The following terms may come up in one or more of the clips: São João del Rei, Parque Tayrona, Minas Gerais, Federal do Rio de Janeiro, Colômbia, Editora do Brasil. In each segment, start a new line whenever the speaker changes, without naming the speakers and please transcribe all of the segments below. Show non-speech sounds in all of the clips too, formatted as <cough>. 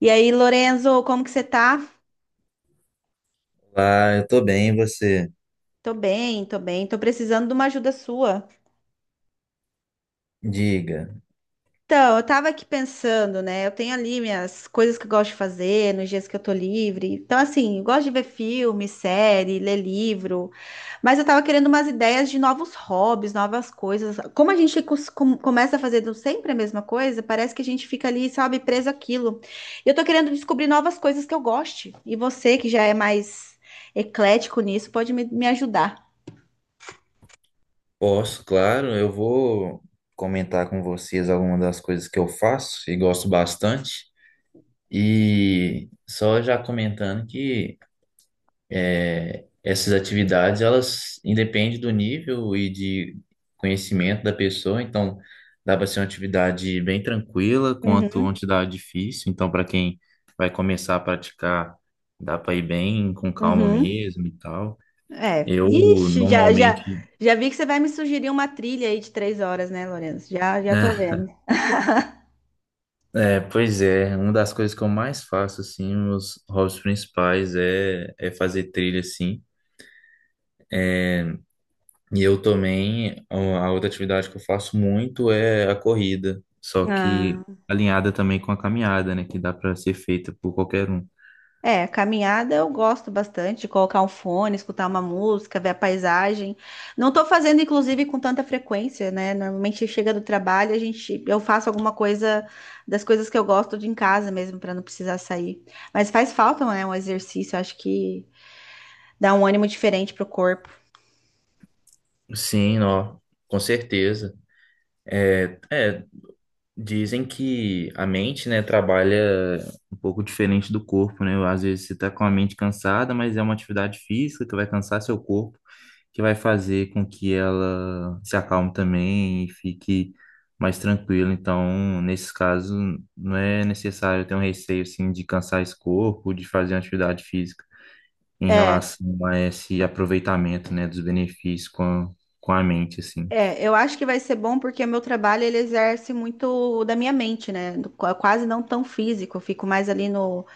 E aí, Lorenzo, como que você tá?
Ah, eu tô bem, e você?
Tô bem, tô bem. Tô precisando de uma ajuda sua.
Diga.
Então, eu tava aqui pensando, né? Eu tenho ali minhas coisas que eu gosto de fazer nos dias que eu tô livre. Então, assim, eu gosto de ver filme, série, ler livro. Mas eu tava querendo umas ideias de novos hobbies, novas coisas. Como a gente começa fazendo sempre a mesma coisa, parece que a gente fica ali, sabe, preso àquilo. E eu tô querendo descobrir novas coisas que eu goste. E você, que já é mais eclético nisso, pode me ajudar.
Posso, claro, eu vou comentar com vocês algumas das coisas que eu faço e gosto bastante. E só já comentando que essas atividades, elas independem do nível e de conhecimento da pessoa, então dá para ser uma atividade bem tranquila quanto uma atividade difícil. Então, para quem vai começar a praticar, dá para ir bem com calma
Uhum.
mesmo e tal.
É.
Eu
Ixi,
normalmente.
já vi que você vai me sugerir uma trilha aí de 3 horas, né, Lourenço? Já tô vendo.
Pois é, uma das coisas que eu mais faço, assim, os hobbies principais é fazer trilha, assim. E eu também, a outra atividade que eu faço muito é a corrida, só que
Ah,
alinhada também com a caminhada, né, que dá para ser feita por qualquer um.
é, caminhada eu gosto bastante de colocar um fone, escutar uma música, ver a paisagem. Não tô fazendo, inclusive, com tanta frequência, né? Normalmente chega do trabalho, a gente, eu faço alguma coisa das coisas que eu gosto de em casa mesmo, para não precisar sair. Mas faz falta, né, um exercício, acho que dá um ânimo diferente pro corpo.
Sim, ó, com certeza. É, é, Dizem que a mente, né, trabalha um pouco diferente do corpo, né? Às vezes você tá com a mente cansada, mas é uma atividade física que vai cansar seu corpo, que vai fazer com que ela se acalme também e fique mais tranquila. Então, nesses casos, não é necessário ter um receio, assim, de cansar esse corpo, de fazer uma atividade física em
É.
relação a esse aproveitamento, né, dos benefícios com com a mente, assim.
É, eu acho que vai ser bom porque o meu trabalho ele exerce muito da minha mente, né? Quase não tão físico, eu fico mais ali no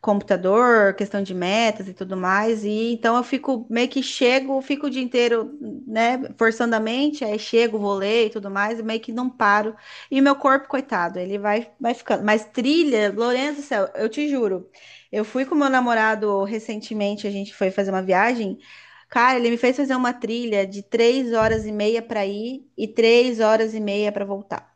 computador, questão de metas e tudo mais. E então eu fico meio que chego, fico o dia inteiro, né, forçando a mente, aí chego, vou ler e tudo mais, e meio que não paro. E meu corpo, coitado, ele vai ficando. Mas trilha, Lourenço do céu, eu te juro. Eu fui com meu namorado recentemente, a gente foi fazer uma viagem. Cara, ele me fez fazer uma trilha de 3 horas e meia para ir e 3 horas e meia para voltar.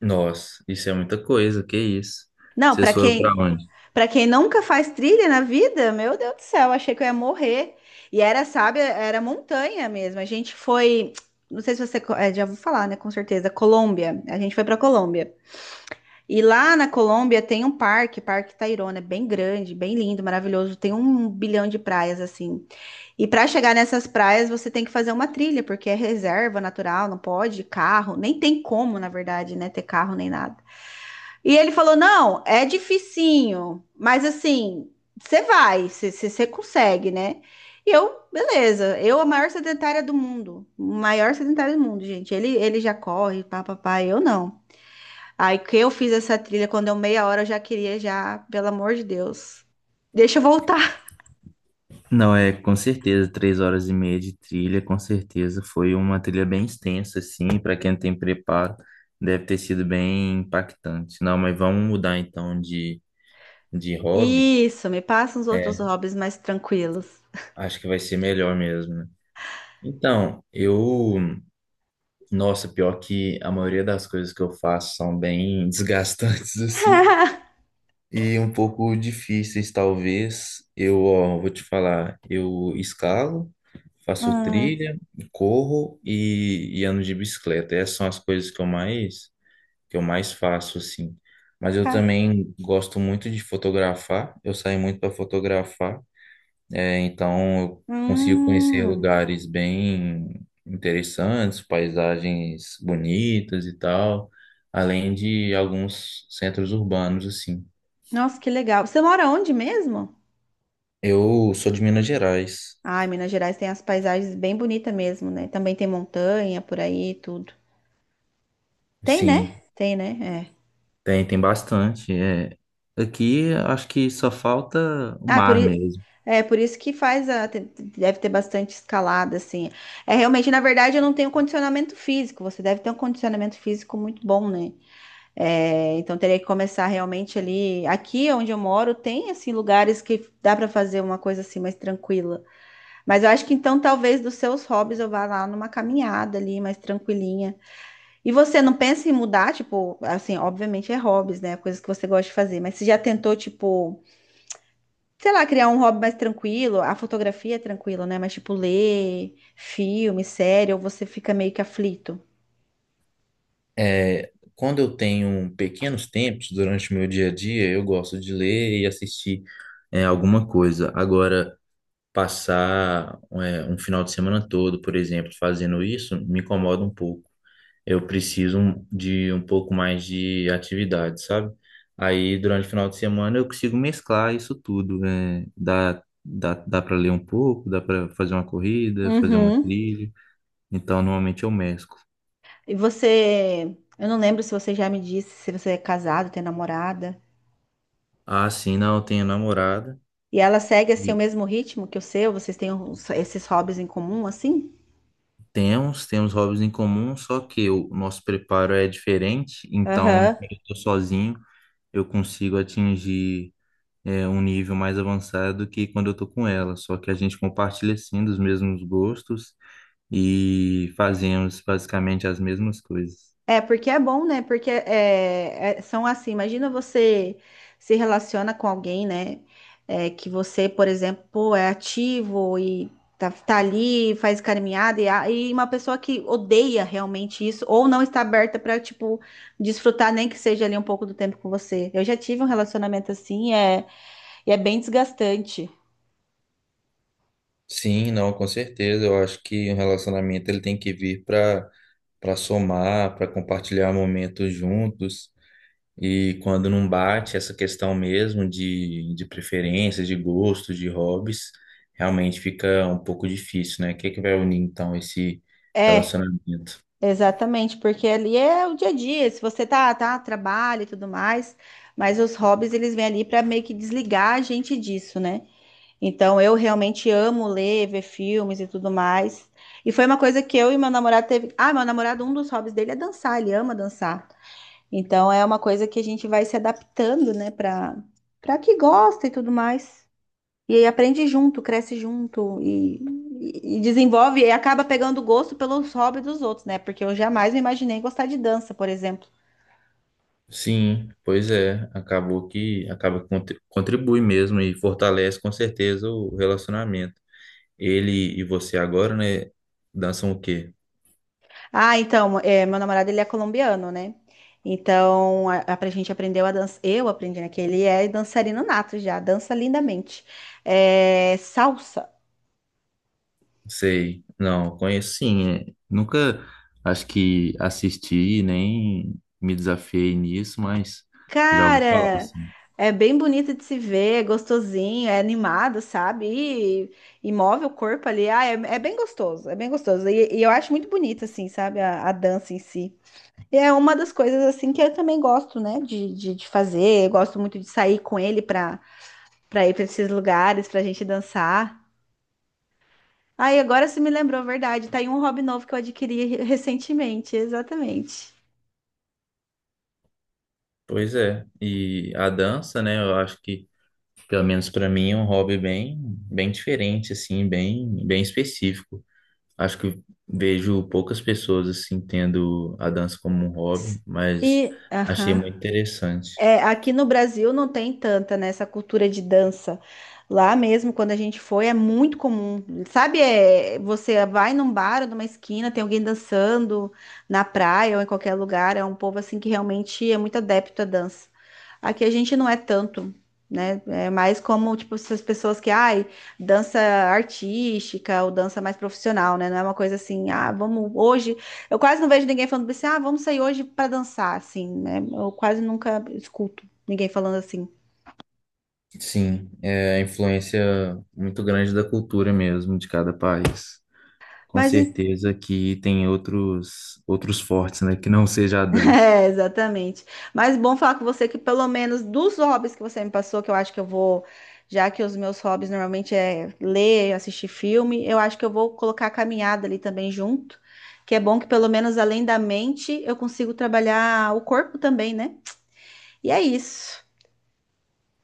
Nossa, isso é muita coisa, que isso?
Não, para
Vocês foram para
quem
onde?
pra quem nunca faz trilha na vida, meu Deus do céu, achei que eu ia morrer. E era, sabe, era montanha mesmo. A gente foi, não sei se você já vou falar, né, com certeza, Colômbia. A gente foi pra Colômbia. E lá na Colômbia tem um parque, Parque Tayrona, é bem grande, bem lindo, maravilhoso. Tem um bilhão de praias assim. E pra chegar nessas praias, você tem que fazer uma trilha, porque é reserva natural, não pode carro, nem tem como, na verdade, né, ter carro nem nada. E ele falou: não, é dificinho, mas assim, você vai, você consegue, né? E eu, beleza, eu a maior sedentária do mundo, maior sedentária do mundo, gente. Ele já corre, papapá, eu não. Aí que eu fiz essa trilha, quando eu meia hora eu já queria, já, pelo amor de Deus, deixa eu voltar.
Não, é com certeza, 3 horas e meia de trilha, com certeza. Foi uma trilha bem extensa, assim, para quem não tem preparo, deve ter sido bem impactante. Não, mas vamos mudar então de hobby.
Isso, me passa uns outros
É,
hobbies mais tranquilos.
acho que vai ser melhor mesmo, né? Então, eu, nossa, pior que a maioria das coisas que eu faço são bem <laughs> desgastantes, assim.
<laughs>
E um pouco difíceis, talvez. Eu, ó, vou te falar, eu escalo, faço
Hum,
trilha, corro e ando de bicicleta. Essas são as coisas que eu mais faço, assim. Mas eu
tá.
também gosto muito de fotografar, eu saio muito para fotografar, então eu consigo conhecer
Hum,
lugares bem interessantes, paisagens bonitas e tal, além de alguns centros urbanos, assim.
nossa, que legal. Você mora onde mesmo?
Eu sou de Minas Gerais.
Ah, Minas Gerais tem as paisagens bem bonitas mesmo, né? Também tem montanha por aí e tudo. Tem, né?
Sim,
Tem, né? É.
tem bastante. É. Aqui acho que só falta o
Ah,
mar mesmo.
é por isso que faz deve ter bastante escalada, assim. É realmente, na verdade, eu não tenho condicionamento físico. Você deve ter um condicionamento físico muito bom, né? É, então teria que começar realmente ali. Aqui onde eu moro, tem assim lugares que dá para fazer uma coisa assim mais tranquila. Mas eu acho que então talvez dos seus hobbies eu vá lá numa caminhada ali mais tranquilinha. E você não pensa em mudar, tipo, assim, obviamente é hobbies, né? Coisas que você gosta de fazer, mas você já tentou, tipo, sei lá, criar um hobby mais tranquilo? A fotografia é tranquilo, né? Mas, tipo, ler filme, série, ou você fica meio que aflito?
É, quando eu tenho pequenos tempos durante o meu dia a dia, eu gosto de ler e assistir alguma coisa. Agora, passar um final de semana todo, por exemplo, fazendo isso, me incomoda um pouco. Eu de um pouco mais de atividade, sabe? Aí, durante o final de semana, eu consigo mesclar isso tudo, né? Dá para ler um pouco, dá para fazer uma corrida, fazer uma
Uhum.
trilha. Então, normalmente eu mesclo.
E você, eu não lembro se você já me disse se você é casado, tem namorada.
Ah, sim, não, eu tenho namorada
E ela segue assim o
e
mesmo ritmo que o seu? Vocês têm esses hobbies em comum, assim?
temos hobbies em comum, só que o nosso preparo é diferente. Então,
Aham.
quando eu tô sozinho, eu consigo atingir um nível mais avançado que quando eu tô com ela. Só que a gente compartilha sim dos mesmos gostos e fazemos basicamente as mesmas coisas.
É, porque é bom, né? Porque são assim, imagina você se relaciona com alguém, né? É, que você, por exemplo, pô, é ativo e tá ali, faz caminhada, e uma pessoa que odeia realmente isso, ou não está aberta para, tipo, desfrutar nem que seja ali um pouco do tempo com você. Eu já tive um relacionamento assim, é, e é bem desgastante.
Sim, não, com certeza. Eu acho que um relacionamento ele tem que vir para somar, para compartilhar momentos juntos. E quando não bate essa questão mesmo de preferências, de gostos, de hobbies, realmente fica um pouco difícil, né? O que que vai unir então esse
É,
relacionamento?
exatamente, porque ali é o dia a dia, se você tá, trabalha e tudo mais, mas os hobbies eles vêm ali para meio que desligar a gente disso, né? Então eu realmente amo ler, ver filmes e tudo mais. E foi uma coisa que eu e meu namorado teve. Ah, meu namorado, um dos hobbies dele é dançar, ele ama dançar. Então é uma coisa que a gente vai se adaptando, né, para que gosta e tudo mais. E aí aprende junto, cresce junto e desenvolve e acaba pegando gosto pelos hobbies dos outros, né? Porque eu jamais me imaginei gostar de dança, por exemplo.
Sim, pois é, acabou que acaba que contribui mesmo e fortalece com certeza o relacionamento. Ele e você agora, né, dançam o quê?
Ah, então, é, meu namorado ele é colombiano, né? Então, a pra gente aprendeu a dança. Eu aprendi, né? Que ele é dançarino nato já, dança lindamente. É, salsa.
Sei, não, conheço sim, é, nunca acho que assisti nem me desafiei nisso, mas já ouvi falar
Cara,
assim.
é bem bonito de se ver, é gostosinho, é animado, sabe? E, e move o corpo ali. Ah, é bem gostoso, é bem gostoso. E eu acho muito bonito, assim, sabe? A dança em si. E é uma das coisas, assim, que eu também gosto, né? De fazer. Eu gosto muito de sair com ele pra ir pra esses lugares, pra gente dançar. Ah, e agora você me lembrou, a verdade. Tá aí um hobby novo que eu adquiri recentemente, exatamente.
Pois é, e a dança, né, eu acho que pelo menos para mim é um hobby bem bem diferente assim, bem bem específico. Acho que vejo poucas pessoas assim tendo a dança como um hobby, mas
E,
achei
aham.
muito interessante.
É, aqui no Brasil não tem tanta, né, essa cultura de dança. Lá mesmo, quando a gente foi, é muito comum. Sabe, é, você vai num bar, ou numa esquina, tem alguém dançando na praia ou em qualquer lugar. É um povo assim que realmente é muito adepto à dança. Aqui a gente não é tanto, né? É mais como, tipo, essas pessoas que, ai, dança artística ou dança mais profissional, né? Não é uma coisa assim, ah, vamos hoje. Eu quase não vejo ninguém falando assim, ah, vamos sair hoje pra dançar, assim, né? Eu quase nunca escuto ninguém falando assim.
Sim, é a influência muito grande da cultura mesmo de cada país. Com
Mas,
certeza que tem outros outros fortes, né, que não seja a
<laughs>
dança.
é, exatamente. Mas bom falar com você que pelo menos dos hobbies que você me passou, que eu acho que eu vou, já que os meus hobbies normalmente é ler, assistir filme, eu acho que eu vou colocar a caminhada ali também junto, que é bom que pelo menos além da mente eu consigo trabalhar o corpo também, né? E é isso.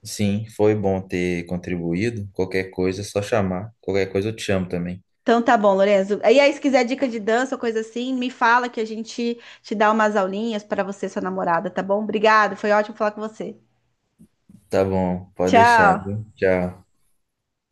Sim, foi bom ter contribuído. Qualquer coisa é só chamar. Qualquer coisa eu te chamo também.
Então tá bom, Lorenzo. E aí, se quiser dica de dança ou coisa assim, me fala que a gente te dá umas aulinhas para você e sua namorada, tá bom? Obrigada, foi ótimo falar com você.
Tá bom, pode deixar,
Tchau.
viu? Tchau.